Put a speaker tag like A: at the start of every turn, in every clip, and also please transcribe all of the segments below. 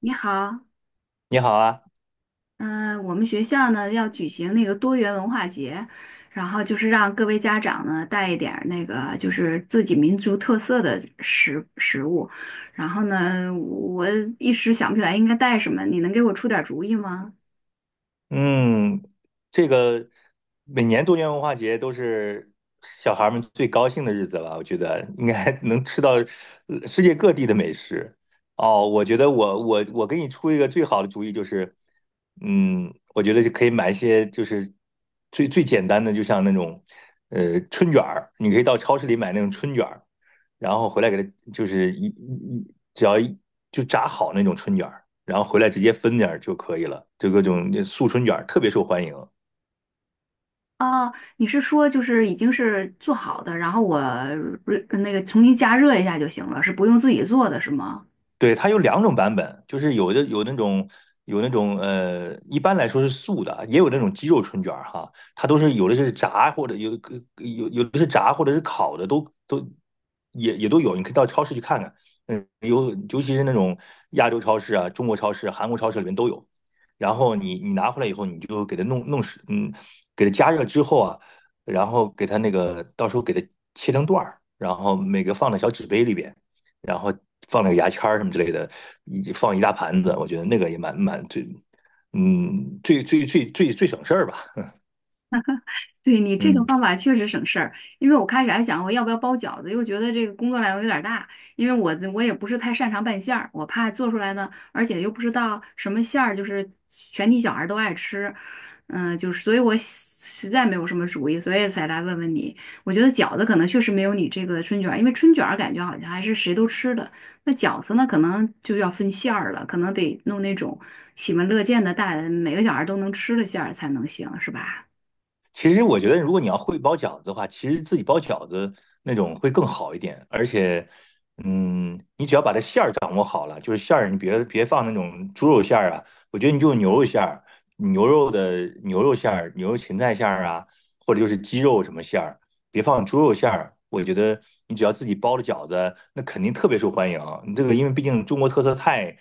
A: 你好，
B: 你好啊，
A: 嗯、我们学校呢要举行那个多元文化节，然后就是让各位家长呢带一点儿那个就是自己民族特色的食物，然后呢，我一时想不起来应该带什么，你能给我出点儿主意吗？
B: 嗯，这个每年多元文化节都是小孩儿们最高兴的日子了，我觉得应该 能吃到世界各地的美食。哦，我觉得我给你出一个最好的主意，就是，我觉得就可以买一些就是最最简单的，就像那种春卷儿，你可以到超市里买那种春卷儿，然后回来给它就是一一一只要一就炸好那种春卷儿。然后回来直接分点儿就可以了。就各种素春卷特别受欢迎，
A: 哦，你是说就是已经是做好的，然后我重新加热一下就行了，是不用自己做的是吗？
B: 对，它有两种版本，就是有的有那种一般来说是素的，也有那种鸡肉春卷儿哈，它都是有的是炸或者是烤的，都也都有，你可以到超市去看看，尤其是那种亚洲超市啊、中国超市、韩国超市里面都有。然后你拿回来以后，你就给它弄弄湿给它加热之后啊，然后给它那个到时候给它切成段儿，然后每个放到小纸杯里边。然后放那个牙签儿什么之类的，以放一大盘子，我觉得那个也蛮最最最最最省事儿吧。
A: 对你这个
B: 嗯，
A: 方法确实省事儿，因为我开始还想我要不要包饺子，又觉得这个工作量有点儿大，因为我也不是太擅长拌馅儿，我怕做出来呢，而且又不知道什么馅儿就是全体小孩儿都爱吃，就是所以我实在没有什么主意，所以才来问问你。我觉得饺子可能确实没有你这个春卷儿因为春卷儿感觉好像还是谁都吃的，那饺子呢可能就要分馅儿了，可能得弄那种喜闻乐见的大，每个小孩儿都能吃的馅儿才能行，是吧？
B: 其实我觉得如果你要会包饺子的话，其实自己包饺子那种会更好一点，而且。你只要把这馅儿掌握好了，就是馅儿，你别放那种猪肉馅儿啊，我觉得你就牛肉馅儿、牛肉的牛肉馅儿、牛肉芹菜馅儿啊，或者就是鸡肉什么馅儿，别放猪肉馅儿，我觉得你只要自己包的饺子，那肯定特别受欢迎。你这个因为毕竟中国特色菜，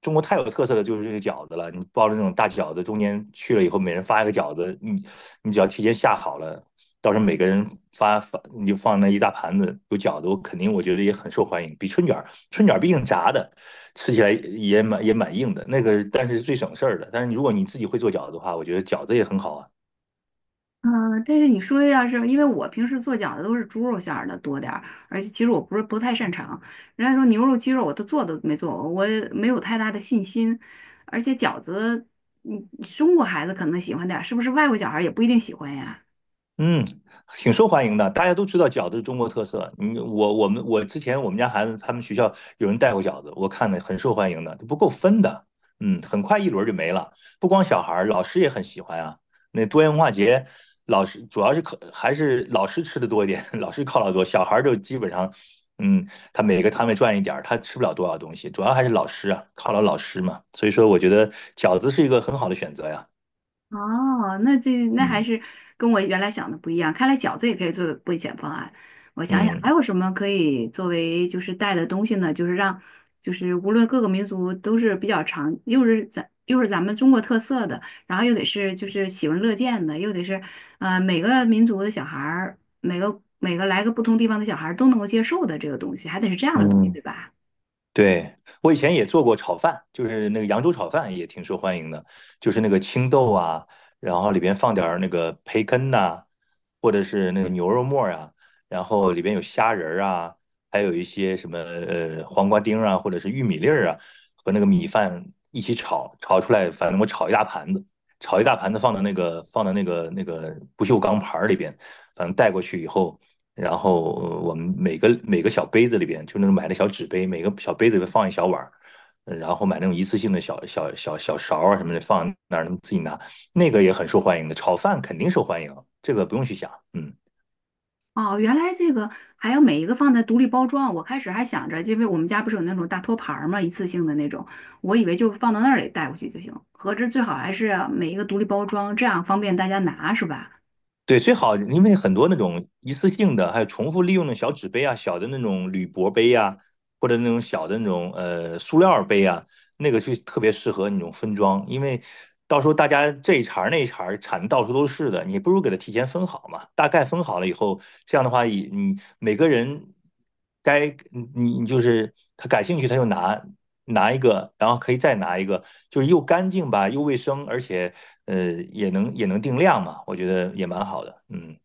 B: 中国太有特色的就是这个饺子了。你包的那种大饺子，中间去了以后，每人发一个饺子，你只要提前下好了，到时候每个人发，你就放那一大盘子有饺子，我肯定我觉得也很受欢迎。比春卷儿，春卷儿毕竟炸的，吃起来也蛮硬的，那个但是最省事儿的。但是如果你自己会做饺子的话，我觉得饺子也很好啊。
A: 嗯，但是你说的要是，因为我平时做饺子都是猪肉馅儿的多点儿，而且其实我不是不太擅长。人家说牛肉、鸡肉我都没做过，我也没有太大的信心。而且饺子，嗯，中国孩子可能喜欢点儿，是不是外国小孩儿也不一定喜欢呀？
B: 嗯，挺受欢迎的，大家都知道饺子是中国特色。嗯，我之前我们家孩子他们学校有人带过饺子，我看的很受欢迎的，不够分的。很快一轮就没了。不光小孩儿，老师也很喜欢啊。那多元文化节，老师主要是靠还是老师吃的多一点，老师犒劳多，小孩儿就基本上，他每个摊位赚一点儿，他吃不了多少东西，主要还是老师啊，犒劳老师嘛。所以说，我觉得饺子是一个很好的选择呀。
A: 哦，那这那还
B: 嗯
A: 是跟我原来想的不一样。看来饺子也可以作为备选方案。我想想
B: 嗯。
A: 还有什么可以作为就是带的东西呢？就是让就是无论各个民族都是比较常，又是咱们中国特色的，然后又得是就是喜闻乐见的，又得是每个民族的小孩儿，每个来个不同地方的小孩儿都能够接受的这个东西，还得是这样的东西，
B: 嗯。
A: 对吧？
B: 对，我以前也做过炒饭，就是那个扬州炒饭也挺受欢迎的，就是那个青豆啊，然后里边放点儿那个培根呐、或者是那个牛肉末儿啊，然后里边有虾仁儿啊，还有一些什么黄瓜丁儿啊，或者是玉米粒儿啊，和那个米饭一起炒，炒出来，反正我炒一大盘子，炒一大盘子放到那个不锈钢盘儿里边，反正带过去以后，然后我们每个小杯子里边，就那种买的小纸杯，每个小杯子里边放一小碗儿，然后买那种一次性的小勺啊什么的放那儿，能自己拿，那个也很受欢迎的，炒饭肯定受欢迎，这个不用去想，嗯。
A: 哦，原来这个还要每一个放在独立包装。我开始还想着，因为我们家不是有那种大托盘儿嘛，一次性的那种，我以为就放到那里带过去就行。合着最好还是每一个独立包装，这样方便大家拿，是吧？
B: 对，最好，因为很多那种一次性的，还有重复利用的小纸杯啊、小的那种铝箔杯啊，或者那种小的那种塑料杯啊，那个就特别适合那种分装，因为到时候大家这一茬儿那一茬儿产的到处都是的，你不如给它提前分好嘛。大概分好了以后，这样的话，以你每个人该你就是他感兴趣，他就拿一个，然后可以再拿一个，就是又干净吧，又卫生，而且也能定量嘛，我觉得也蛮好的。嗯，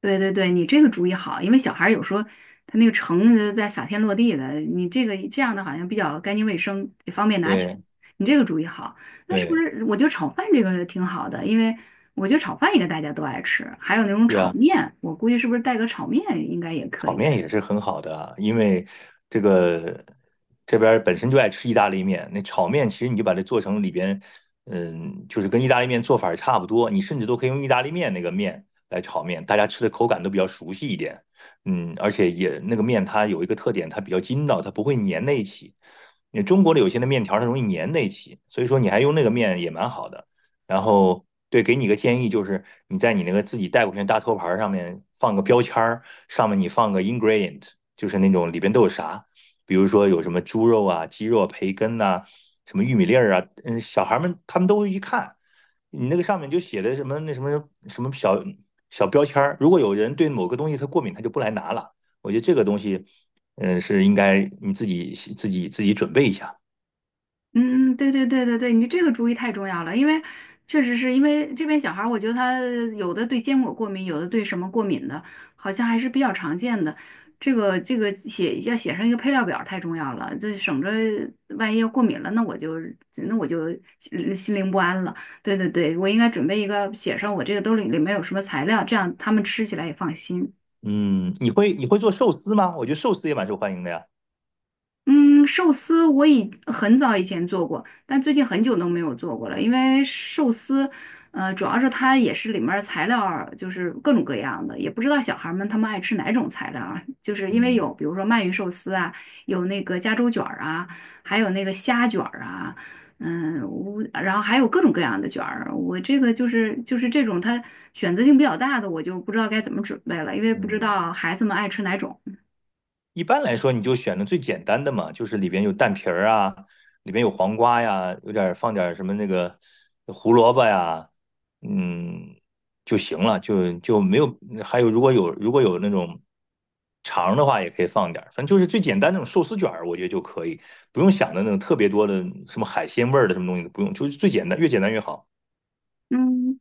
A: 对对对，你这个主意好，因为小孩儿有时候他那个盛的在撒天落地的，你这个这样的好像比较干净卫生，也方便拿取。
B: 对
A: 你这个主意好，那是不
B: 对，
A: 是我觉得炒饭这个挺好的？因为我觉得炒饭应该大家都爱吃，还有那种
B: 是
A: 炒
B: 啊。
A: 面，我估计是不是带个炒面应该也可
B: 炒
A: 以。
B: 面也是很好的啊，因为这个这边儿本身就爱吃意大利面，那炒面其实你就把它做成里边，就是跟意大利面做法儿差不多，你甚至都可以用意大利面那个面来炒面，大家吃的口感都比较熟悉一点，而且也那个面它有一个特点，它比较筋道，它不会粘在一起。你中国的有些的面条儿它容易粘在一起，所以说你还用那个面也蛮好的。然后对，给你个建议，就是你在你那个自己带过去的大托盘上面放个标签儿，上面你放个 ingredient，就是那种里边都有啥，比如说有什么猪肉啊、鸡肉啊、培根呐、什么玉米粒儿啊，小孩们他们都会去看。你那个上面就写的什么那什么什么小小标签儿，如果有人对某个东西他过敏，他就不来拿了。我觉得这个东西，是应该你自己准备一下。
A: 嗯嗯，对对对对对，你这个主意太重要了，因为确实是因为这边小孩儿，我觉得他有的对坚果过敏，有的对什么过敏的，好像还是比较常见的。这个写要写上一个配料表儿太重要了，这省着万一要过敏了，那我就心灵不安了。对对对，我应该准备一个写上我这个兜里里面有什么材料，这样他们吃起来也放心。
B: 嗯，你会做寿司吗？我觉得寿司也蛮受欢迎的呀。
A: 嗯，寿司我以很早以前做过，但最近很久都没有做过了，因为寿司，呃，主要是它也是里面儿材料儿就是各种各样的，也不知道小孩儿们他们爱吃哪种材料啊，就是因为
B: 嗯
A: 有比如说鳗鱼寿司啊，有那个加州卷儿啊，还有那个虾卷儿啊，嗯，我然后还有各种各样的卷儿，我这个就是这种它选择性比较大的，我就不知道该怎么准备了，因为不知
B: 嗯，
A: 道孩子们爱吃哪种。
B: 一般来说，你就选的最简单的嘛，就是里边有蛋皮儿啊，里边有黄瓜呀，有点儿放点儿什么那个胡萝卜呀，嗯，就行了，就没有。还有，如果有那种肠的话，也可以放点儿，反正就是最简单那种寿司卷儿，我觉得就可以，不用想的那种特别多的什么海鲜味儿的什么东西都不用，就是最简单，越简单越好。
A: 嗯。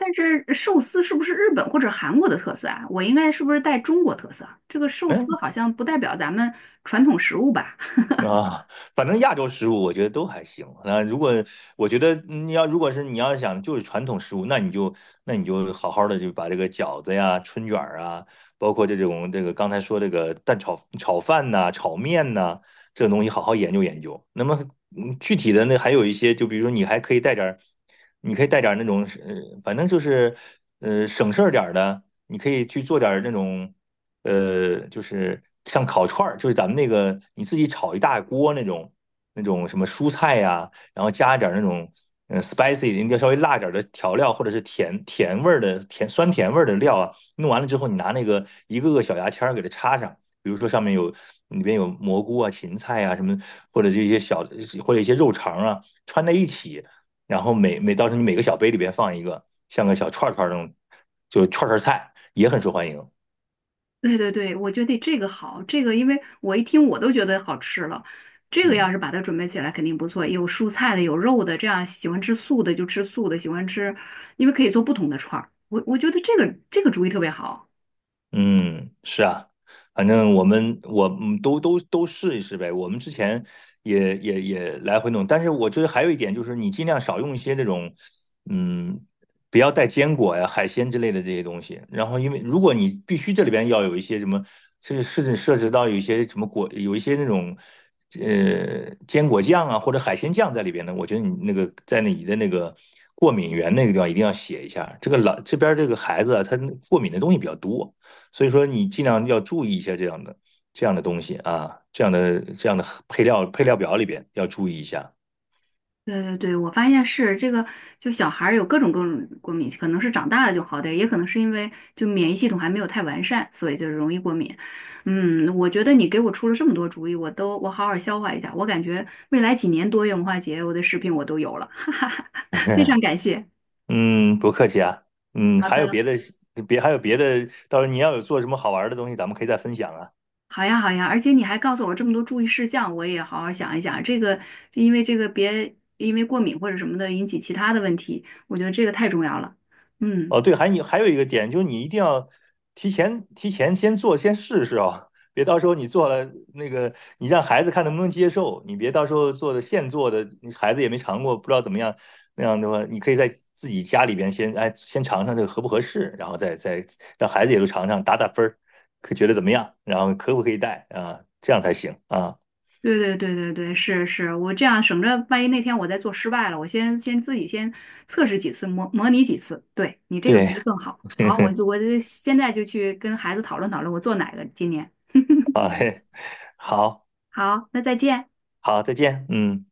A: 但是寿司是不是日本或者韩国的特色啊？我应该是不是带中国特色啊？这个寿司
B: 嗯。
A: 好像不代表咱们传统食物吧？
B: 啊，反正亚洲食物我觉得都还行。那如果我觉得你要如果是你要想就是传统食物，那你就好好的就把这个饺子呀、春卷儿啊，包括这种这个刚才说这个蛋炒饭呐、炒面呐、这种东西好好研究研究。那么具体的那还有一些，就比如说你还可以带点儿，你可以带点儿那种，反正就是省事儿点儿的，你可以去做点儿那种。就是像烤串儿，就是咱们那个你自己炒一大锅那种什么蔬菜呀、然后加一点儿那种spicy，你要稍微辣点儿的调料，或者是甜甜味儿的甜酸甜味儿的料啊，弄完了之后，你拿那个一个个小牙签儿给它插上，比如说上面有里边有蘑菇啊、芹菜啊什么，或者这些小或者一些肉肠啊穿在一起，然后到时候你每个小杯里边放一个，像个小串儿串儿那种，就串儿串儿菜也很受欢迎，
A: 对对对，我觉得这个好，这个因为我一听我都觉得好吃了。这个
B: 嗯。
A: 要是把它准备起来肯定不错，有蔬菜的，有肉的，这样喜欢吃素的就吃素的，喜欢吃，因为可以做不同的串儿。我觉得这个主意特别好。
B: 嗯，是啊，反正我们都试一试呗。我们之前也来回弄，但是我觉得还有一点就是，你尽量少用一些那种，嗯，不要带坚果呀、海鲜之类的这些东西。然后，因为如果你必须这里边要有一些什么，甚至涉及到有一些什么果，有一些那种坚果酱啊或者海鲜酱在里边呢，我觉得你那个在你的那个过敏源那个地方一定要写一下。这个老这边这个孩子啊，他过敏的东西比较多。所以说你尽量要注意一下这样的东西啊，这样的配料表里边要注意一下
A: 对对对，我发现是这个，就小孩儿有各种各种过敏，可能是长大了就好点儿，也可能是因为就免疫系统还没有太完善，所以就容易过敏。嗯，我觉得你给我出了这么多主意，我好好消化一下。我感觉未来几年多元文化节，我的视频我都有了，哈哈哈，非常 感谢。
B: 嗯，不客气啊。嗯，
A: 好
B: 还有
A: 的，
B: 别的还有别的，到时候你要有做什么好玩的东西，咱们可以再分享啊。
A: 好呀好呀，而且你还告诉我这么多注意事项，我也好好想一想。这个因为这个别因为过敏或者什么的引起其他的问题，我觉得这个太重要了。嗯。
B: 哦，对，你还有一个点，就是你一定要提前先做，先试试啊，别到时候你做了那个，你让孩子看能不能接受，你别到时候做的现做的，你孩子也没尝过，不知道怎么样，那样的话，你可以在自己家里边先尝尝这个合不合适，然后再让孩子也都尝尝，打打分儿，可觉得怎么样，然后可不可以带啊，这样才行啊。
A: 对对对对对，是是，我这样省着，万一那天我再做失败了，我先自己先测试几次，模拟几次。对你这个
B: 对，
A: 主意更好。好，我就 我就现在就去跟孩子讨论讨论，我做哪个今年。
B: 好嘞好
A: 好，那再见。
B: 好，再见，嗯。